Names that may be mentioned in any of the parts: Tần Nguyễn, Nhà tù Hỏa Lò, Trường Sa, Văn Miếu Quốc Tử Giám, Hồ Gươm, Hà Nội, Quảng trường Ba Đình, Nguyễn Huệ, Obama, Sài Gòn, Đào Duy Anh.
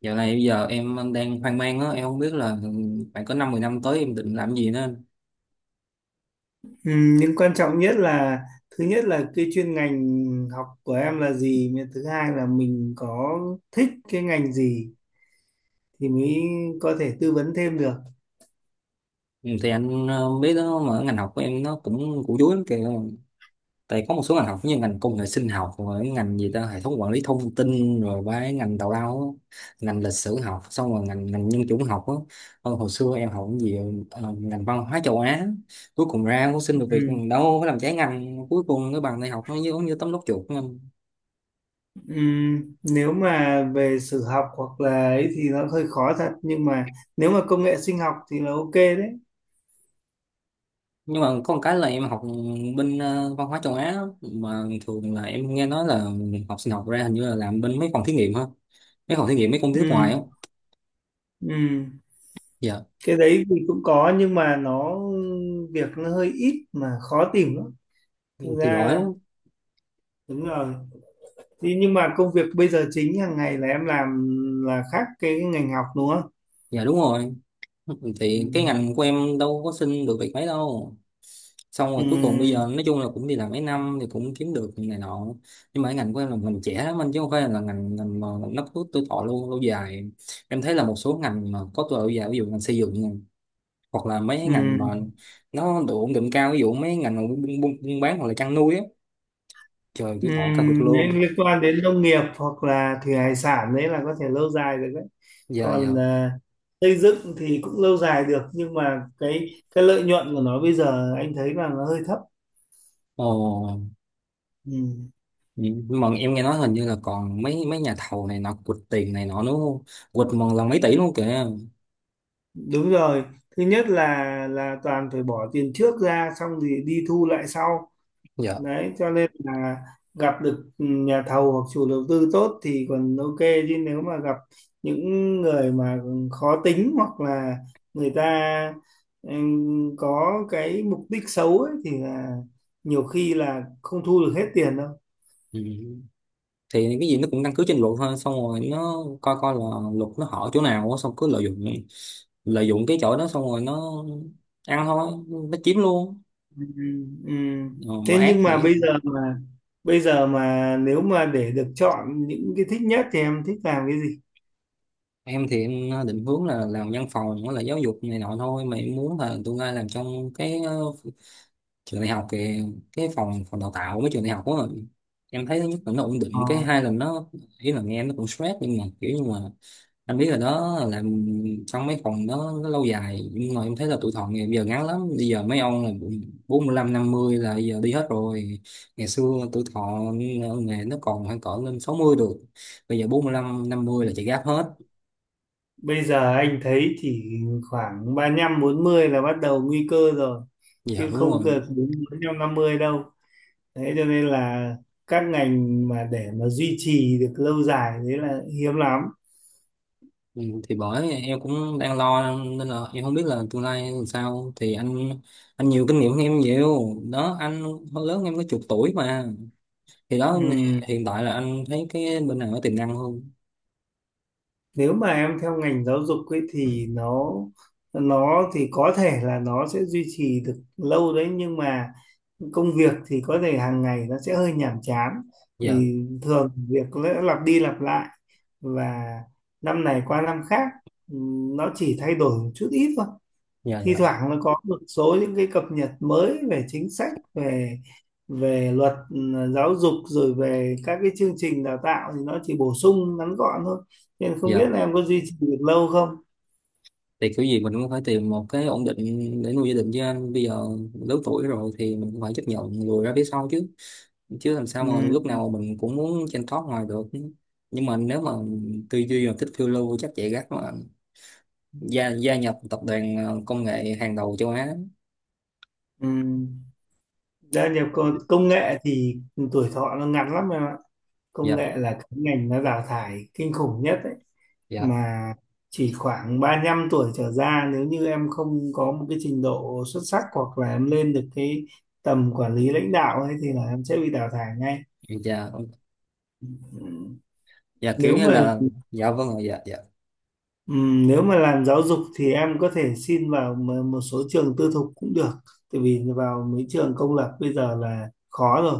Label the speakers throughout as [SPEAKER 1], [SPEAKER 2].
[SPEAKER 1] Dạo này bây giờ em đang hoang mang á, em không biết là phải có 5 10 năm tới em định làm gì nữa.
[SPEAKER 2] Ừ, nhưng quan trọng nhất là thứ nhất là cái chuyên ngành học của em là gì, mà thứ hai là mình có thích cái ngành gì thì mới có thể tư vấn thêm được.
[SPEAKER 1] Ừ, thì anh biết đó mà ngành học của em nó cũng củ chuối lắm kìa. Tại có một số ngành học như ngành công nghệ sinh học, rồi cái ngành gì ta, hệ thống quản lý thông tin, rồi cái ngành tào lao, á, ngành lịch sử học, xong rồi ngành ngành nhân chủng học á. Ờ, hồi xưa em học cái gì, ngành văn hóa châu Á, cuối cùng ra cũng xin được việc,
[SPEAKER 2] Ừ.
[SPEAKER 1] đâu có làm trái ngành, cuối cùng cái bằng đại học nó giống như tấm lót chuột.
[SPEAKER 2] Ừ, nếu mà về sử học hoặc là ấy thì nó hơi khó thật, nhưng mà nếu mà công nghệ sinh học thì là ok đấy.
[SPEAKER 1] Nhưng mà có một cái là em học bên văn hóa châu Á á, mà thường là em nghe nói là học sinh học ra hình như là làm bên mấy phòng thí nghiệm, ha, mấy phòng thí nghiệm mấy công ty
[SPEAKER 2] Ừ,
[SPEAKER 1] nước ngoài á.
[SPEAKER 2] ừ.
[SPEAKER 1] Dạ,
[SPEAKER 2] Cái đấy thì cũng có, nhưng mà việc nó hơi ít mà khó tìm lắm. Thực
[SPEAKER 1] thì giỏi
[SPEAKER 2] ra
[SPEAKER 1] lắm.
[SPEAKER 2] đúng rồi. Thế nhưng mà công việc bây giờ chính hàng ngày là em làm là khác cái ngành học đúng không?
[SPEAKER 1] Dạ, đúng rồi,
[SPEAKER 2] Ừ.
[SPEAKER 1] thì cái ngành của em đâu có xin được việc mấy đâu, xong
[SPEAKER 2] Ừ.
[SPEAKER 1] rồi cuối cùng bây giờ nói chung là cũng đi làm mấy năm thì cũng kiếm được này nọ, nhưng mà cái ngành của em là ngành trẻ lắm anh, chứ không phải là ngành ngành mà nó có tuổi thọ lâu lâu dài em thấy là một số ngành mà có tuổi thọ lâu dài, ví dụ ngành xây dựng nè, hoặc là mấy cái
[SPEAKER 2] Ừ.
[SPEAKER 1] ngành mà nó độ ổn định cao, ví dụ mấy ngành mà buôn bán hoặc là chăn nuôi á, trời
[SPEAKER 2] Ừ.
[SPEAKER 1] tuổi thọ cao cực
[SPEAKER 2] Nếu
[SPEAKER 1] luôn.
[SPEAKER 2] liên quan đến nông nghiệp hoặc là thủy hải sản đấy là có thể lâu dài được đấy.
[SPEAKER 1] Dạ dạ.
[SPEAKER 2] Còn xây dựng thì cũng lâu dài được, nhưng mà cái lợi nhuận của nó bây giờ anh thấy là nó hơi thấp.
[SPEAKER 1] Ồ,
[SPEAKER 2] Ừ.
[SPEAKER 1] nhưng mà em nghe nói hình như là còn mấy mấy nhà thầu này nọ quỵt tiền này nọ nữa không, quỵt một lần mấy tỷ luôn kìa.
[SPEAKER 2] Đúng rồi. Thứ nhất là toàn phải bỏ tiền trước ra xong thì đi thu lại sau.
[SPEAKER 1] Dạ.
[SPEAKER 2] Đấy cho nên là gặp được nhà thầu hoặc chủ đầu tư tốt thì còn ok, chứ nếu mà gặp những người mà khó tính hoặc là người ta có cái mục đích xấu ấy, thì là nhiều khi là không thu được hết tiền đâu.
[SPEAKER 1] Ừ, thì cái gì nó cũng căn cứ trên luật thôi, xong rồi nó coi coi là luật nó hở chỗ nào á, xong cứ lợi dụng cái chỗ đó, xong rồi nó ăn thôi, nó chiếm luôn.
[SPEAKER 2] Ừ, ừ.
[SPEAKER 1] Ờ, mà
[SPEAKER 2] Thế
[SPEAKER 1] ác
[SPEAKER 2] nhưng mà
[SPEAKER 1] vậy.
[SPEAKER 2] bây giờ mà nếu mà để được chọn những cái thích nhất thì em thích làm cái gì?
[SPEAKER 1] Em thì em định hướng là làm văn phòng với lại giáo dục này nọ thôi, mà em muốn là tương lai làm trong cái trường đại học kìa, cái phòng phòng đào tạo mấy trường đại học á. Em thấy thứ nhất là nó ổn
[SPEAKER 2] Ờ.
[SPEAKER 1] định, cái hai là nó, ý là nghe nó cũng stress nhưng mà kiểu như mà anh biết là đó, làm trong mấy phòng đó nó lâu dài. Nhưng mà em thấy là tuổi thọ ngày bây giờ ngắn lắm, bây giờ mấy ông là 45 50 là bây giờ đi hết rồi. Ngày xưa tuổi thọ nghề nó còn khoảng cỡ lên 60 được, bây giờ 45 50 là chạy gáp hết.
[SPEAKER 2] Bây giờ anh thấy thì khoảng ba lăm bốn mươi là bắt đầu nguy cơ rồi,
[SPEAKER 1] Dạ,
[SPEAKER 2] chứ
[SPEAKER 1] đúng
[SPEAKER 2] không
[SPEAKER 1] rồi.
[SPEAKER 2] cực đến bốn lăm năm mươi đâu. Thế cho nên là các ngành mà để mà duy trì được lâu dài đấy là hiếm lắm.
[SPEAKER 1] Ừ, thì bởi em cũng đang lo nên là em không biết là tương lai làm sao, thì anh nhiều kinh nghiệm hơn em nhiều đó anh, hơn lớn em có chục tuổi mà, thì đó,
[SPEAKER 2] Ừm.
[SPEAKER 1] hiện tại là anh thấy cái bên nào có tiềm năng hơn.
[SPEAKER 2] Nếu mà em theo ngành giáo dục ấy thì nó thì có thể là nó sẽ duy trì được lâu đấy, nhưng mà công việc thì có thể hàng ngày nó sẽ hơi nhàm chán,
[SPEAKER 1] Dạ
[SPEAKER 2] vì thường việc nó lặp đi lặp lại và năm này qua năm khác, nó chỉ thay đổi một chút ít thôi.
[SPEAKER 1] dạ
[SPEAKER 2] Thi
[SPEAKER 1] dạ
[SPEAKER 2] thoảng nó có một số những cái cập nhật mới về chính sách, về về luật giáo dục, rồi về các cái chương trình đào tạo thì nó chỉ bổ sung ngắn gọn thôi, nên không biết
[SPEAKER 1] dạ.
[SPEAKER 2] là em có duy trì được lâu không.
[SPEAKER 1] Thì kiểu gì mình cũng phải tìm một cái ổn định để nuôi gia đình chứ anh, bây giờ lớn tuổi rồi thì mình cũng phải chấp nhận lùi ra phía sau chứ chứ làm sao mà
[SPEAKER 2] Ừm,
[SPEAKER 1] lúc nào mình cũng muốn trên top ngoài được. Nhưng mà nếu mà tư duy mà thích phiêu lưu chắc chạy gắt mà gia gia nhập tập đoàn công nghệ hàng đầu châu Á.
[SPEAKER 2] ừm. Gia nhập công công nghệ thì tuổi thọ nó ngắn lắm em ạ. Công
[SPEAKER 1] Dạ
[SPEAKER 2] nghệ là cái ngành nó đào thải kinh khủng nhất ấy,
[SPEAKER 1] dạ
[SPEAKER 2] mà chỉ khoảng 35 tuổi trở ra nếu như em không có một cái trình độ xuất sắc, hoặc là em lên được cái tầm quản lý lãnh đạo ấy, thì là em sẽ bị đào thải ngay.
[SPEAKER 1] dạ
[SPEAKER 2] Ừm,
[SPEAKER 1] dạ, kiểu
[SPEAKER 2] nếu
[SPEAKER 1] như
[SPEAKER 2] mà
[SPEAKER 1] là, dạ vâng rồi, dạ dạ.
[SPEAKER 2] nếu mà làm giáo dục thì em có thể xin vào một số trường tư thục cũng được, tại vì vào mấy trường công lập bây giờ là khó rồi,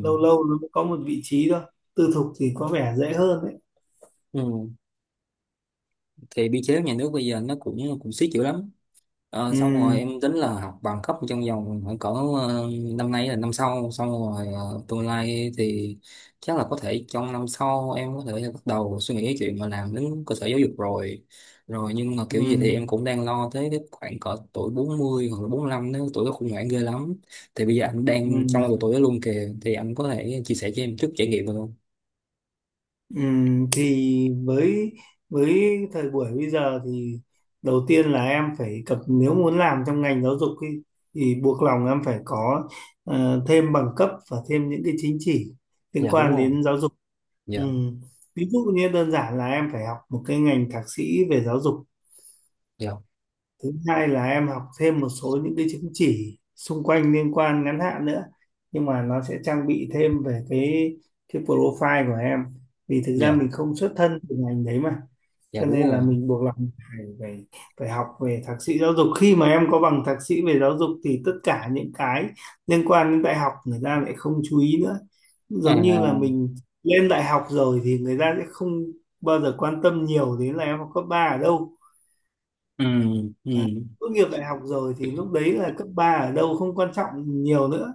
[SPEAKER 2] lâu lâu nó mới có một vị trí thôi. Tư thục thì có vẻ dễ hơn đấy.
[SPEAKER 1] ừm. Thì biên chế nhà nước bây giờ nó cũng cũng siết dữ lắm. Ờ, xong rồi
[SPEAKER 2] Ừm,
[SPEAKER 1] em tính là học bằng cấp trong vòng khoảng cỡ năm nay là năm sau, xong rồi tương lai thì chắc là có thể trong năm sau em có thể là bắt đầu suy nghĩ cái chuyện mà làm đến cơ sở giáo dục rồi rồi, nhưng mà kiểu gì thì em
[SPEAKER 2] ừm,
[SPEAKER 1] cũng đang lo tới cái khoảng cỡ tuổi 40 hoặc là 45, nếu tuổi đó khủng hoảng ghê lắm. Thì bây giờ anh đang trong độ tuổi
[SPEAKER 2] ừm.
[SPEAKER 1] đó luôn kìa, thì anh có thể chia sẻ cho em chút trải nghiệm được không?
[SPEAKER 2] Thì với thời buổi bây giờ thì đầu tiên là em phải cập, nếu muốn làm trong ngành giáo dục ý, thì buộc lòng em phải có thêm bằng cấp và thêm những cái chính chỉ liên
[SPEAKER 1] Dạ đúng
[SPEAKER 2] quan
[SPEAKER 1] rồi.
[SPEAKER 2] đến giáo dục.
[SPEAKER 1] Dạ
[SPEAKER 2] Ừm, ví dụ như đơn giản là em phải học một cái ngành thạc sĩ về giáo dục.
[SPEAKER 1] dạ
[SPEAKER 2] Thứ hai là em học thêm một số những cái chứng chỉ xung quanh liên quan ngắn hạn nữa, nhưng mà nó sẽ trang bị thêm về cái profile của em. Vì thực ra
[SPEAKER 1] dạ
[SPEAKER 2] mình không xuất thân từ ngành đấy mà,
[SPEAKER 1] dạ
[SPEAKER 2] cho
[SPEAKER 1] đúng
[SPEAKER 2] nên là
[SPEAKER 1] rồi.
[SPEAKER 2] mình buộc lòng phải phải phải học về thạc sĩ giáo dục. Khi mà em có bằng thạc sĩ về giáo dục thì tất cả những cái liên quan đến đại học người ta lại không chú ý nữa, giống như là
[SPEAKER 1] À.
[SPEAKER 2] mình lên đại học rồi thì người ta sẽ không bao giờ quan tâm nhiều đến là em học cấp ba ở đâu.
[SPEAKER 1] Ừ. Ừ.
[SPEAKER 2] Đấy. Tốt nghiệp đại học rồi thì lúc đấy là cấp 3 ở đâu không quan trọng nhiều nữa.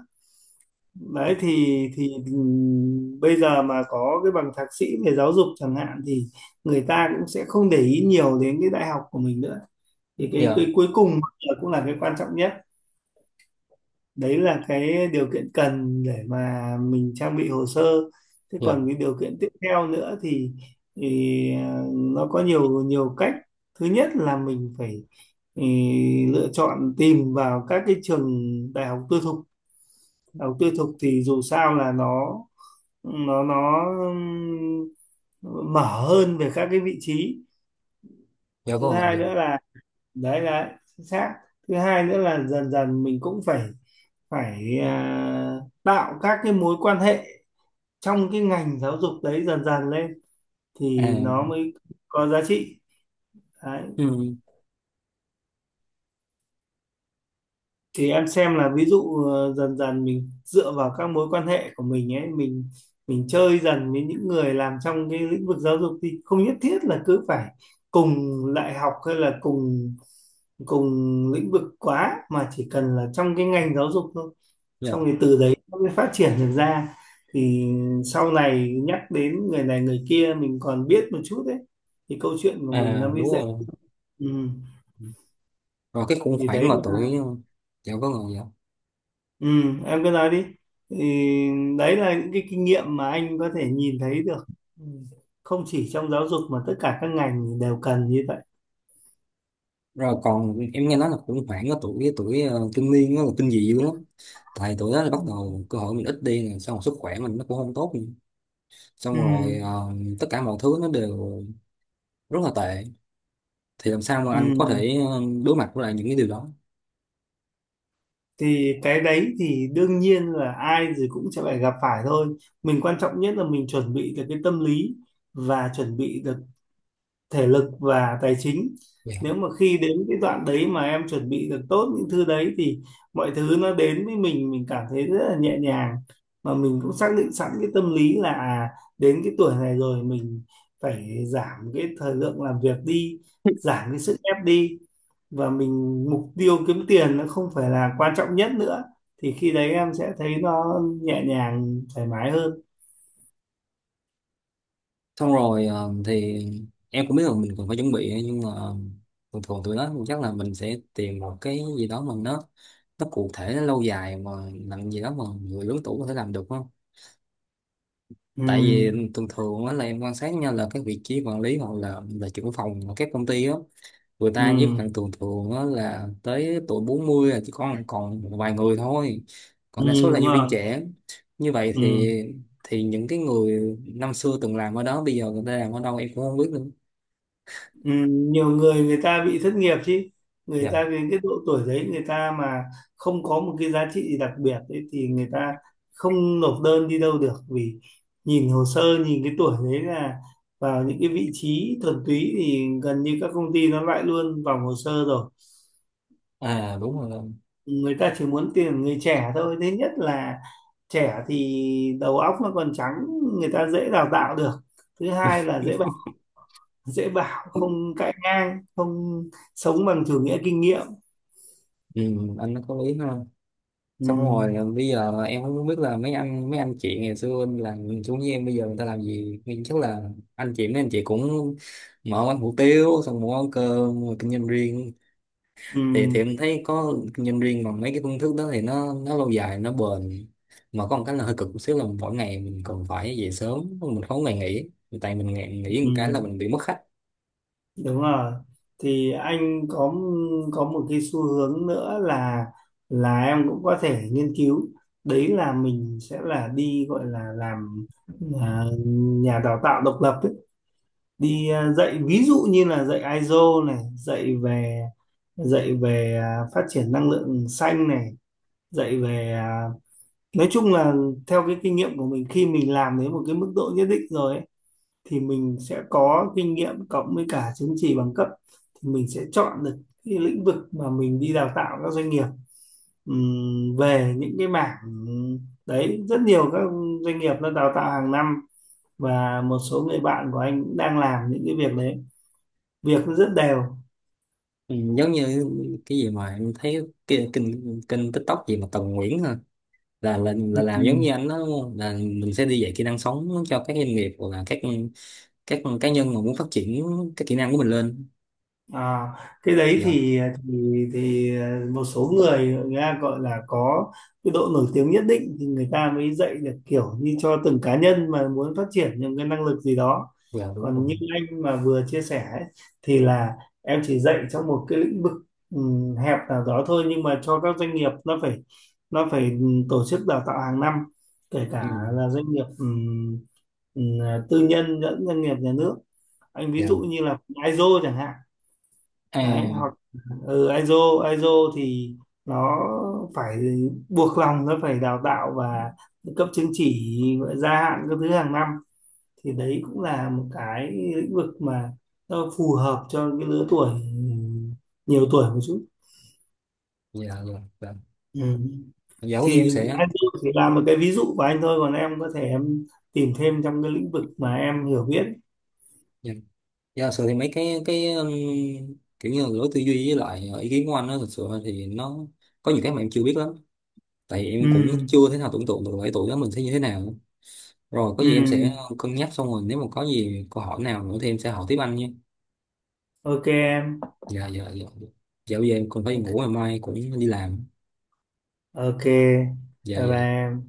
[SPEAKER 2] Đấy thì bây giờ mà có cái bằng thạc sĩ về giáo dục chẳng hạn thì người ta cũng sẽ không để ý nhiều đến cái đại học của mình nữa. Thì cái
[SPEAKER 1] Dạ
[SPEAKER 2] cuối cùng là cũng là cái quan trọng nhất, đấy là cái điều kiện cần để mà mình trang bị hồ sơ. Thế
[SPEAKER 1] dạ
[SPEAKER 2] còn cái điều kiện tiếp theo nữa thì, nó có nhiều nhiều cách. Thứ nhất là mình phải ừ, lựa chọn tìm vào các cái trường đại học tư thục. Đại học tư thục thì dù sao là nó mở hơn về các cái vị trí.
[SPEAKER 1] dạ
[SPEAKER 2] Thứ
[SPEAKER 1] có.
[SPEAKER 2] hai nữa là, đấy là chính xác, thứ hai nữa là dần dần mình cũng phải phải à, tạo các cái mối quan hệ trong cái ngành giáo dục đấy dần dần lên thì nó
[SPEAKER 1] À.
[SPEAKER 2] mới có giá trị.
[SPEAKER 1] Ừ,
[SPEAKER 2] Thì em xem là ví dụ dần dần mình dựa vào các mối quan hệ của mình ấy, mình chơi dần với những người làm trong cái lĩnh vực giáo dục, thì không nhất thiết là cứ phải cùng đại học hay là cùng cùng lĩnh vực quá, mà chỉ cần là trong cái ngành giáo dục thôi,
[SPEAKER 1] dạ.
[SPEAKER 2] xong thì từ đấy nó mới phát triển được ra. Thì sau này nhắc đến người này người kia mình còn biết một chút đấy thì câu chuyện của
[SPEAKER 1] À
[SPEAKER 2] mình nó mới
[SPEAKER 1] đúng
[SPEAKER 2] dễ.
[SPEAKER 1] rồi.
[SPEAKER 2] Ừ.
[SPEAKER 1] Rồi cái khủng
[SPEAKER 2] Thì
[SPEAKER 1] hoảng
[SPEAKER 2] đấy
[SPEAKER 1] mà
[SPEAKER 2] là…
[SPEAKER 1] tuổi. Dạ có người, dạ.
[SPEAKER 2] Ừ, em cứ nói đi. Thì đấy là những cái kinh nghiệm mà anh có thể nhìn thấy được. Ừ. Không chỉ trong giáo dục mà tất cả các ngành đều cần như vậy.
[SPEAKER 1] Rồi còn em nghe nói là khủng hoảng ở tuổi tuổi kinh niên nó là kinh dị dữ lắm, tại tuổi đó là bắt
[SPEAKER 2] Ừ.
[SPEAKER 1] đầu cơ hội mình ít đi nè, xong rồi sức khỏe mình nó cũng không tốt nữa.
[SPEAKER 2] Ừ,
[SPEAKER 1] Xong rồi tất cả mọi thứ nó đều rất là tệ, thì làm sao mà
[SPEAKER 2] ừ.
[SPEAKER 1] anh có thể đối mặt với lại những cái điều đó.
[SPEAKER 2] Thì cái đấy thì đương nhiên là ai rồi cũng sẽ phải gặp phải thôi. Mình quan trọng nhất là mình chuẩn bị được cái tâm lý, và chuẩn bị được thể lực và tài chính.
[SPEAKER 1] Dạ.
[SPEAKER 2] Nếu mà khi đến cái đoạn đấy mà em chuẩn bị được tốt những thứ đấy thì mọi thứ nó đến với mình cảm thấy rất là nhẹ nhàng, mà mình cũng xác định sẵn cái tâm lý là đến cái tuổi này rồi mình phải giảm cái thời lượng làm việc đi, giảm cái sức ép đi, và mình mục tiêu kiếm tiền nó không phải là quan trọng nhất nữa, thì khi đấy em sẽ thấy nó nhẹ nhàng thoải mái hơn.
[SPEAKER 1] Xong rồi thì em cũng biết là mình cần phải chuẩn bị ấy, nhưng mà thường thường tụi nó chắc là mình sẽ tìm một cái gì đó mà nó cụ thể, nó lâu dài, mà làm gì đó mà người lớn tuổi có thể làm được không.
[SPEAKER 2] Ừ,
[SPEAKER 1] Tại vì thường thường á là em quan sát nha, là cái vị trí quản lý hoặc là trưởng phòng ở các công ty á, người ta với
[SPEAKER 2] ừ,
[SPEAKER 1] khoảng thường thường á là tới tuổi 40 là chỉ còn còn một vài người thôi,
[SPEAKER 2] ừ,
[SPEAKER 1] còn đa số là
[SPEAKER 2] đúng
[SPEAKER 1] nhân
[SPEAKER 2] rồi.
[SPEAKER 1] viên trẻ. Như vậy
[SPEAKER 2] Ừ.
[SPEAKER 1] thì, những cái người năm xưa từng làm ở đó bây giờ người ta làm ở đâu em cũng không biết nữa.
[SPEAKER 2] Ừ, nhiều người người ta bị thất nghiệp chứ, người ta
[SPEAKER 1] Dạ.
[SPEAKER 2] đến cái độ tuổi đấy, người ta mà không có một cái giá trị gì đặc biệt đấy thì người ta không nộp đơn đi đâu được, vì nhìn hồ sơ nhìn cái tuổi đấy là vào những cái vị trí thuần túy thì gần như các công ty nó loại luôn vào hồ sơ rồi.
[SPEAKER 1] À đúng rồi.
[SPEAKER 2] Người ta chỉ muốn tuyển người trẻ thôi. Thứ nhất là trẻ thì đầu óc nó còn trắng, người ta dễ đào tạo được. Thứ hai là dễ bảo, dễ bảo không cãi ngang, không sống bằng chủ nghĩa kinh nghiệm.
[SPEAKER 1] Ừ, anh nó có lý ha.
[SPEAKER 2] Ừ,
[SPEAKER 1] Xong rồi à, bây giờ em cũng không biết là mấy anh chị ngày xưa anh làm xuống với em bây giờ người ta làm gì, nhưng chắc là anh chị mấy anh chị cũng mở quán hủ tiếu, xong mở quán cơm, rồi kinh doanh riêng.
[SPEAKER 2] ừ,
[SPEAKER 1] Thì em thấy có kinh doanh riêng bằng mấy cái phương thức đó thì nó lâu dài, nó bền, mà có một cái là hơi cực một xíu là mỗi ngày mình cần phải về sớm, mình không có ngày nghỉ, tại mình ngày nghỉ một cái là
[SPEAKER 2] ừ,
[SPEAKER 1] mình bị mất khách.
[SPEAKER 2] đúng rồi. Thì anh có một cái xu hướng nữa là em cũng có thể nghiên cứu, đấy là mình sẽ là đi gọi là làm à, nhà đào tạo độc lập ấy. Đi dạy, ví dụ như là dạy ISO này, dạy về phát triển năng lượng xanh này, dạy về à, nói chung là theo cái kinh nghiệm của mình, khi mình làm đến một cái mức độ nhất định rồi ấy, thì mình sẽ có kinh nghiệm cộng với cả chứng chỉ bằng cấp, thì mình sẽ chọn được cái lĩnh vực mà mình đi đào tạo các doanh nghiệp. Về những cái mảng đấy rất nhiều các doanh nghiệp nó đào tạo hàng năm, và một số người bạn của anh cũng đang làm những cái việc đấy, việc nó rất đều.
[SPEAKER 1] Ừ, giống như cái gì mà em thấy cái kênh kênh TikTok gì mà Tần Nguyễn ha, là làm giống như anh đó đúng không? Là mình sẽ đi dạy kỹ năng sống cho các doanh nghiệp hoặc là các cá nhân mà muốn phát triển cái kỹ năng của mình lên.
[SPEAKER 2] À, cái đấy
[SPEAKER 1] Dạ
[SPEAKER 2] thì thì thì một số người, người ta gọi là có cái độ nổi tiếng nhất định thì người ta mới dạy được, kiểu như cho từng cá nhân mà muốn phát triển những cái năng lực gì đó.
[SPEAKER 1] dạ đúng rồi.
[SPEAKER 2] Còn như anh mà vừa chia sẻ ấy, thì là em chỉ dạy trong một cái lĩnh vực hẹp nào đó thôi, nhưng mà cho các doanh nghiệp, nó phải tổ chức đào tạo hàng năm, kể cả
[SPEAKER 1] Ừ.
[SPEAKER 2] là doanh nghiệp ừm, tư nhân lẫn doanh nghiệp nhà nước. Anh ví
[SPEAKER 1] Dạ.
[SPEAKER 2] dụ như là ISO chẳng hạn, đấy,
[SPEAKER 1] À.
[SPEAKER 2] hoặc ISO, ISO thì nó phải buộc lòng nó phải đào tạo và cấp chứng chỉ, gia hạn các thứ hàng năm. Thì đấy cũng là một cái lĩnh vực mà nó phù hợp cho cái lứa tuổi nhiều tuổi một chút.
[SPEAKER 1] Dạ dạ dạ
[SPEAKER 2] Ừ.
[SPEAKER 1] dạ có gì
[SPEAKER 2] Thì
[SPEAKER 1] em sẽ.
[SPEAKER 2] ISO chỉ là một cái ví dụ của anh thôi, còn em có thể tìm thêm trong cái lĩnh vực mà em hiểu biết.
[SPEAKER 1] Dạ dạ sự thì mấy cái kiểu như là lối tư duy với lại ý kiến của anh đó, thực sự thì nó có nhiều cái mà em chưa biết lắm, tại vì em cũng
[SPEAKER 2] Ừ.
[SPEAKER 1] chưa thể nào tưởng tượng được ở tuổi đó mình sẽ như thế nào. Rồi có
[SPEAKER 2] Ừ.
[SPEAKER 1] gì em sẽ cân nhắc, xong rồi nếu mà có gì câu hỏi nào nữa thì em sẽ hỏi tiếp anh nhé.
[SPEAKER 2] Ok em.
[SPEAKER 1] Dạ dạ dạ. Dạo giờ em còn phải đi ngủ, ngày
[SPEAKER 2] Ok.
[SPEAKER 1] mai cũng đi làm.
[SPEAKER 2] Ok,
[SPEAKER 1] Dạ
[SPEAKER 2] bye
[SPEAKER 1] dạ.
[SPEAKER 2] bye em.